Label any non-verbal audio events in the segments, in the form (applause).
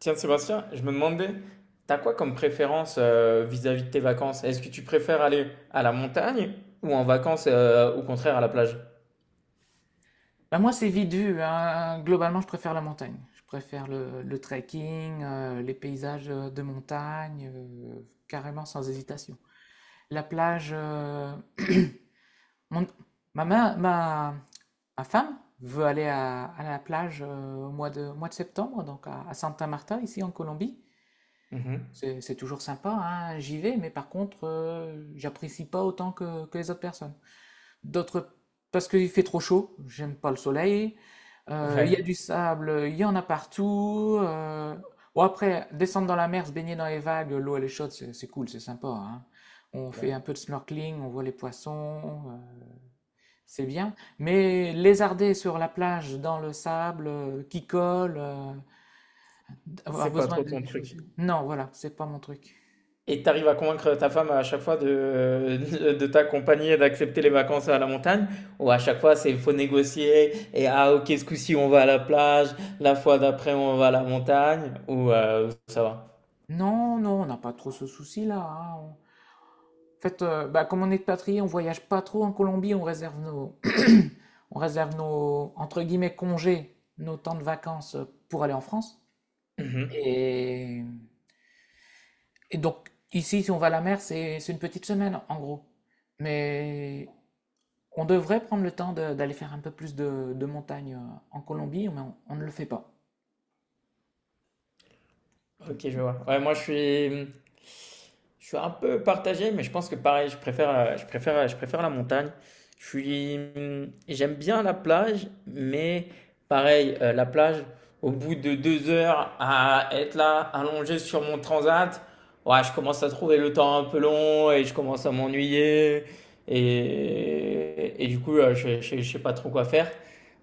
Tiens, Sébastien, je me demandais, t'as quoi comme préférence vis-à-vis de tes vacances? Est-ce que tu préfères aller à la montagne ou en vacances, au contraire, à la plage? Bah, moi, c'est vite vu, hein. Globalement, je préfère la montagne. Je préfère le trekking, les paysages de montagne, carrément sans hésitation. La plage, mon- ma, ma, ma- ma femme veut aller à la plage au mois au mois de septembre, donc à Santa Marta, ici en Colombie. Mhm. C'est toujours sympa, hein, j'y vais, mais par contre, j'apprécie pas autant que les autres personnes. D'autres, parce qu'il fait trop chaud, j'aime pas le soleil. Il y a Ouais, du sable, il y en a partout. Bon, après, descendre dans la mer, se baigner dans les vagues, l'eau elle est chaude, c'est cool, c'est sympa, hein. On fait ouais. un peu de snorkeling, on voit les poissons, c'est bien. Mais lézarder sur la plage, dans le sable, qui colle, avoir C'est pas besoin trop de ton des truc. chaussures. Non, voilà, c'est pas mon truc. Et t'arrives à convaincre ta femme à chaque fois de, (laughs) de t'accompagner et d'accepter les vacances à la montagne? Ou à chaque fois, c'est faut négocier et ah, ok, ce coup-ci, on va à la plage, la fois d'après, on va à la montagne? Ou ça va? Non, non, on n'a pas trop ce souci-là. Hein. En fait, bah, comme on est expatrié, on voyage pas trop en Colombie, (clears throat) on réserve nos, entre guillemets, congés, nos temps de vacances pour aller en France. Et, et donc, ici, si on va à la mer, c'est une petite semaine, en gros. Mais on devrait prendre le temps d'aller faire un peu plus de montagne en Colombie, mais on ne le fait pas. Donc, Ok, je vois. Ouais, moi, je suis un peu partagé, mais je pense que pareil, je préfère la montagne. Je suis, j'aime bien la plage, mais pareil, la plage, au bout de deux heures à être là, allongé sur mon transat, ouais, je commence à trouver le temps un peu long et je commence à m'ennuyer. Et du coup, je sais pas trop quoi faire.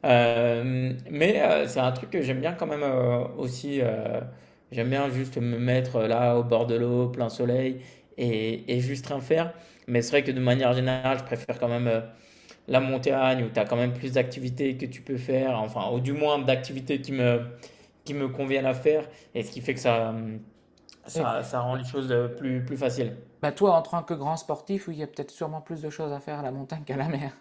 Mais c'est un truc que j'aime bien quand même aussi. J'aime bien juste me mettre là au bord de l'eau, plein soleil, et juste rien faire. Mais c'est vrai que de manière générale, je préfère quand même la montagne où tu as quand même plus d'activités que tu peux faire, enfin, ou du moins d'activités qui me conviennent à faire, et ce qui fait que oui. Ça rend Bah, les choses plus, plus faciles. bah, toi, en tant que grand sportif, oui, il y a peut-être sûrement plus de choses à faire à la montagne qu'à la mer.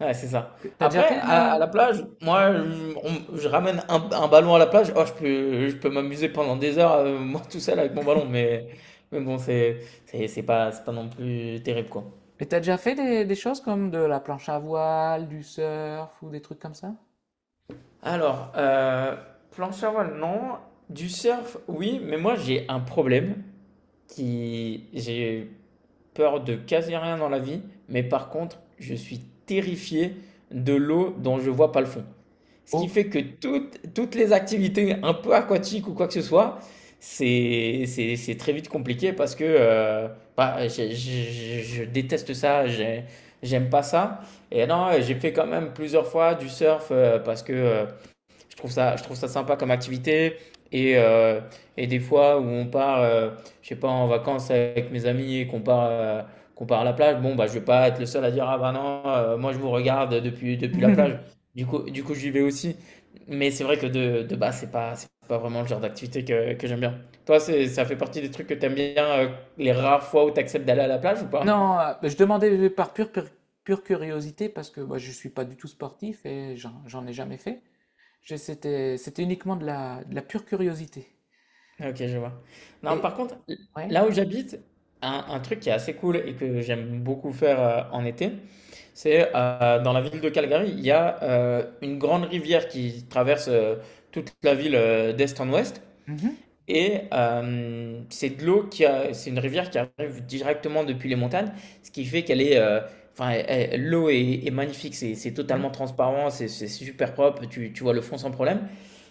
Ouais, c'est ça. T'as déjà Après, fait de la... à la plage, moi, je ramène un ballon à la plage. Oh, je peux m'amuser pendant des heures, (laughs) moi, tout seul avec mon ballon, mais c'est pas, c'est pas non plus terrible, quoi. Et t'as déjà fait des choses comme de la planche à voile, du surf ou des trucs comme ça? Alors, planche à voile, non. Du surf, oui, mais moi j'ai un problème qui... J'ai peur de quasi rien dans la vie, mais par contre, je suis terrifié de l'eau dont je vois pas le fond. Ce qui Oh! fait que toutes les activités un peu aquatiques ou quoi que ce soit, c'est très vite compliqué parce que je déteste ça, j'aime pas ça. Et non, j'ai fait quand même plusieurs fois du surf parce que... euh, je trouve ça sympa comme activité. Et, euh, et des fois où on part, je sais pas, en vacances avec mes amis et qu'on part, qu'on part à la plage, bon, bah, je vais pas être le seul à dire, ah bah non, moi je vous regarde depuis la plage. (laughs) Du coup, j'y vais aussi. Mais c'est vrai que de base, c'est pas vraiment le genre d'activité que j'aime bien. Toi, c'est, ça fait partie des trucs que t'aimes bien, les rares fois où t'acceptes d'aller à la plage ou pas? Non, bah, je demandais par pure curiosité parce que moi je suis pas du tout sportif et j'en ai jamais fait. C'était uniquement de de la pure curiosité. Ok, je vois. Non, Et par contre, ouais. là où j'habite, un truc qui est assez cool et que j'aime beaucoup faire en été, c'est dans la ville de Calgary, il y a une grande rivière qui traverse toute la ville d'est en ouest. Mhm, Et c'est de l'eau qui a, c'est une rivière qui arrive directement depuis les montagnes, ce qui fait qu'elle est, enfin, elle- l'eau est, est magnifique, c'est mhm. totalement transparent, c'est super propre, tu vois le fond sans problème.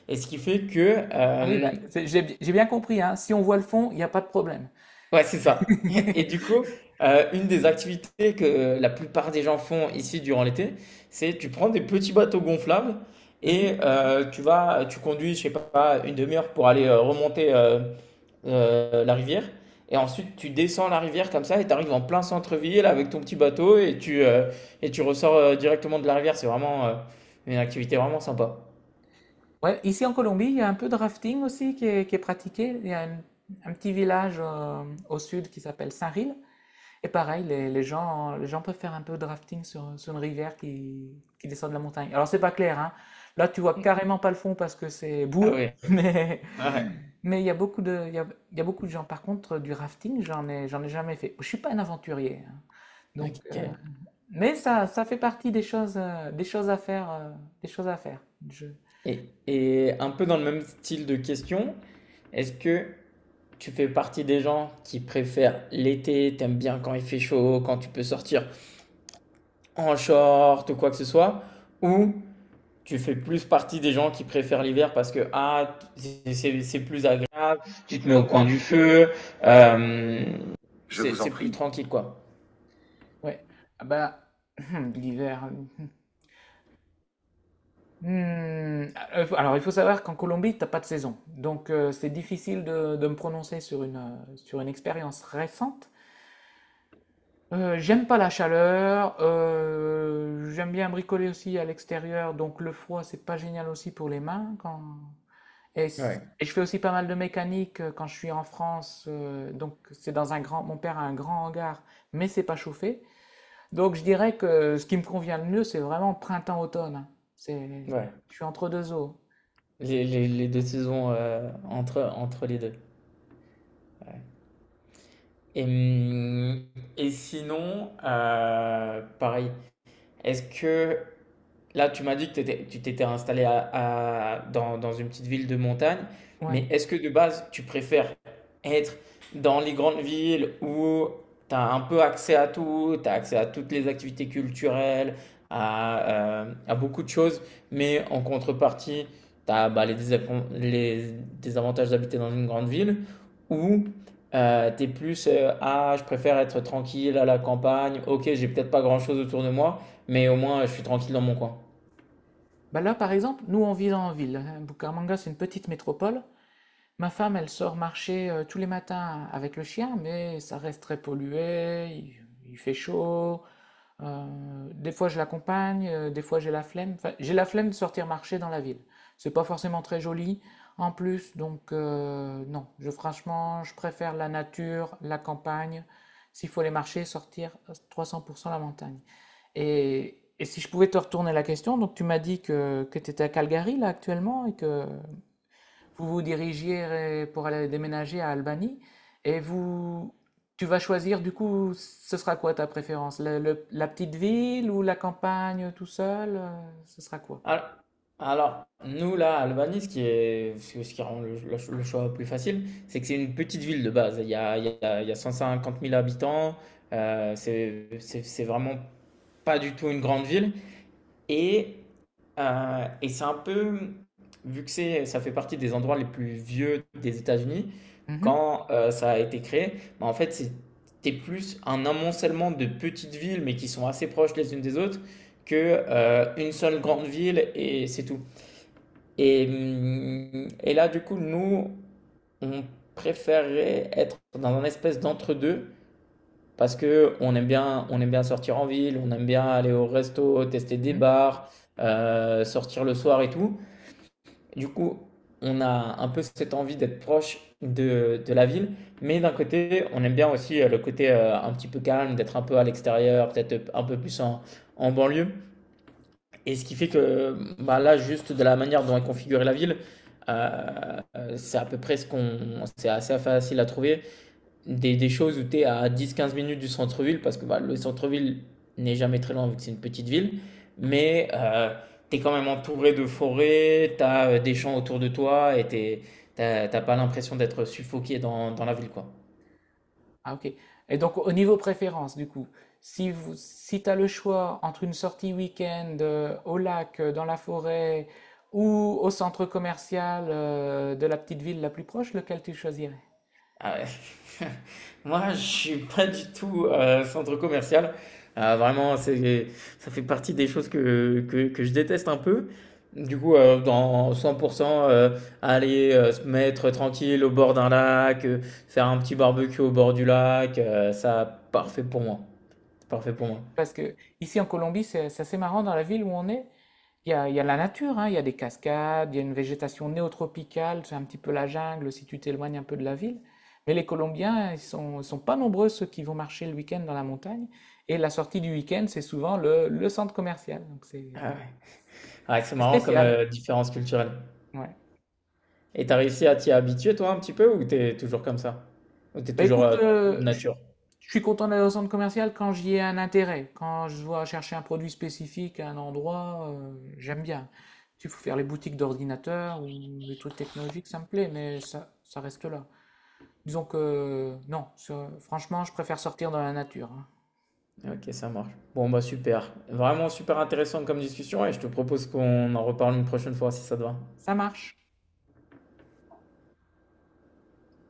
Et ce qui fait que Ah oui, bah, j'ai bien compris, hein. Si on voit le fond, il n'y a pas de problème. Ouais, c'est ça. (laughs) Et du (laughs) coup, une des activités que la plupart des gens font ici durant l'été, c'est tu prends des petits bateaux gonflables Mhm. et tu conduis, je sais pas, une demi-heure pour aller remonter la rivière. Et ensuite, tu descends la rivière comme ça et tu arrives en plein centre-ville avec ton petit bateau et tu ressors directement de la rivière. C'est vraiment une activité vraiment sympa. Ouais, ici en Colombie, il y a un peu de rafting aussi qui est pratiqué. Il y a un petit village au sud qui s'appelle Saint-Ril. Et pareil, les gens peuvent faire un peu de rafting sur une rivière qui descend de la montagne. Alors c'est pas clair, hein. Là tu vois carrément pas le fond parce que c'est Ah boueux, oui, (laughs) ouais. mais Ah ouais. mais il y a beaucoup de il y a beaucoup de gens. Par contre, du rafting, j'en ai jamais fait. Je suis pas un aventurier, hein. Donc Ok. Mais ça ça fait partie des choses des choses à faire. Je Et un peu dans le même style de question, est-ce que tu fais partie des gens qui préfèrent l'été, t'aimes bien quand il fait chaud, quand tu peux sortir en short ou quoi que ce soit, ou tu fais plus partie des gens qui préfèrent l'hiver parce que ah, c'est plus agréable, tu te mets au coin du feu, euh, Je c'est vous en c'est plus prie. Tranquille quoi. ouais. Ah bah (clears throat) l'hiver. Alors, il faut savoir qu'en Colombie, t'as pas de saison. Donc, c'est difficile de me prononcer sur sur une expérience récente. J'aime pas la chaleur. J'aime bien bricoler aussi à l'extérieur. Donc, le froid, c'est pas génial aussi pour les mains. Quand... Ouais, et je fais aussi pas mal de mécanique quand je suis en France. Donc, c'est dans un grand... Mon père a un grand hangar, mais c'est pas chauffé. Donc, je dirais que ce qui me convient le mieux, c'est vraiment printemps-automne. Hein. C'est... ouais. Je suis entre deux eaux. Les deux saisons euh, entre les deux. Et, hum, et sinon, pareil, est-ce que là, tu m'as dit que tu t'étais installé dans une petite ville de montagne, mais Ouais. est-ce que de base, tu préfères être dans les grandes villes où tu as un peu accès à tout, tu as accès à toutes les activités culturelles, à, à beaucoup de choses, mais en contrepartie, tu as les désavantages d'habiter dans une grande ville, ou tu es plus, ah, je préfère être tranquille à la campagne, ok, j'ai peut-être pas grand-chose autour de moi, mais au moins, je suis tranquille dans mon coin. Bah là, par exemple, nous, on vit en ville. Hein. Bucaramanga, c'est une petite métropole. Ma femme, elle sort marcher tous les matins avec le chien, mais ça reste très pollué, il fait chaud. Des fois, je l'accompagne, des fois, j'ai la flemme. Enfin, j'ai la flemme de sortir marcher dans la ville. C'est pas forcément très joli en plus, donc non. Je, franchement, je préfère la nature, la campagne. S'il faut aller marcher, sortir 300% la montagne. Et si je pouvais te retourner la question, donc tu m'as dit que tu étais à Calgary là actuellement et que vous vous dirigiez pour aller déménager à Albany et vous tu vas choisir du coup ce sera quoi ta préférence? La petite ville ou la campagne tout seul? Ce sera quoi? Al- Alors, nous, là, à Albany, ce ce qui rend le choix plus facile, c'est que c'est une petite ville de base. Il y a 150 000 habitants. C'est vraiment pas du tout une grande ville. Et, et c'est un peu, vu que c'est, ça fait partie des endroits les plus vieux des États-Unis, Mhm, quand ça a été créé, bah, en fait, c'était plus un amoncellement de petites villes, mais qui sont assez proches les unes des autres, que une seule grande ville et c'est tout. Et là, du coup, nous, on préférait être dans un espèce d'entre-deux parce que on aime bien sortir en ville, on aime bien aller au resto, tester des mhm. bars, sortir le soir et tout. Du coup, on a un peu cette envie d'être proche de la ville, mais d'un côté, on aime bien aussi le côté un petit peu calme, d'être un peu à l'extérieur, peut-être un peu plus en, en banlieue. Et ce qui fait que bah, là, juste de la manière dont est configurée la ville, c'est à peu près c'est assez facile à trouver des choses où tu es à dix quinze minutes du centre-ville, parce que bah, le centre-ville n'est jamais très loin vu que c'est une petite ville, mais tu es quand même entouré de forêts, tu as des champs autour de toi et tu n'as pas l'impression d'être suffoqué dans la ville, quoi. Ah ok. Et donc au niveau préférence, du coup, si t'as le choix entre une sortie week-end au lac, dans la forêt, ou au centre commercial de la petite ville la plus proche, lequel tu choisirais? Ah ouais. (laughs) Moi, je suis pas du tout centre commercial. Vraiment, c'est, ça fait partie des choses que je déteste un peu. Du coup, dans 100%, euh, aller se mettre tranquille au bord d'un lac, faire un petit barbecue au bord du lac, ça, parfait pour moi. Parfait pour moi. Parce que ici en Colombie, c'est assez marrant dans la ville où on est. Il y a la nature, hein, il y a des cascades, il y a une végétation néotropicale, c'est un petit peu la jungle si tu t'éloignes un peu de la ville. Mais les Colombiens, sont pas nombreux ceux qui vont marcher le week-end dans la montagne. Et la sortie du week-end, c'est souvent le centre commercial. Donc c'est Ah ouais. Ah, c'est ouais. marrant comme Spécial. Différence culturelle. Ouais. Et t'as réussi à t'y habituer, toi, un petit peu, ou t'es toujours comme ça? Ou t'es Bah toujours écoute, nature? je suis content d'aller au centre commercial quand j'y ai un intérêt. Quand je dois chercher un produit spécifique à un endroit, j'aime bien. Tu faut faire les boutiques d'ordinateurs ou des trucs technologiques, ça me plaît, mais ça reste là. Disons que non, franchement, je préfère sortir dans la nature, hein. Ok, ça marche. Bon, bah super. Vraiment super intéressant comme discussion et je te propose qu'on en reparle une prochaine fois si ça te va. Ça marche.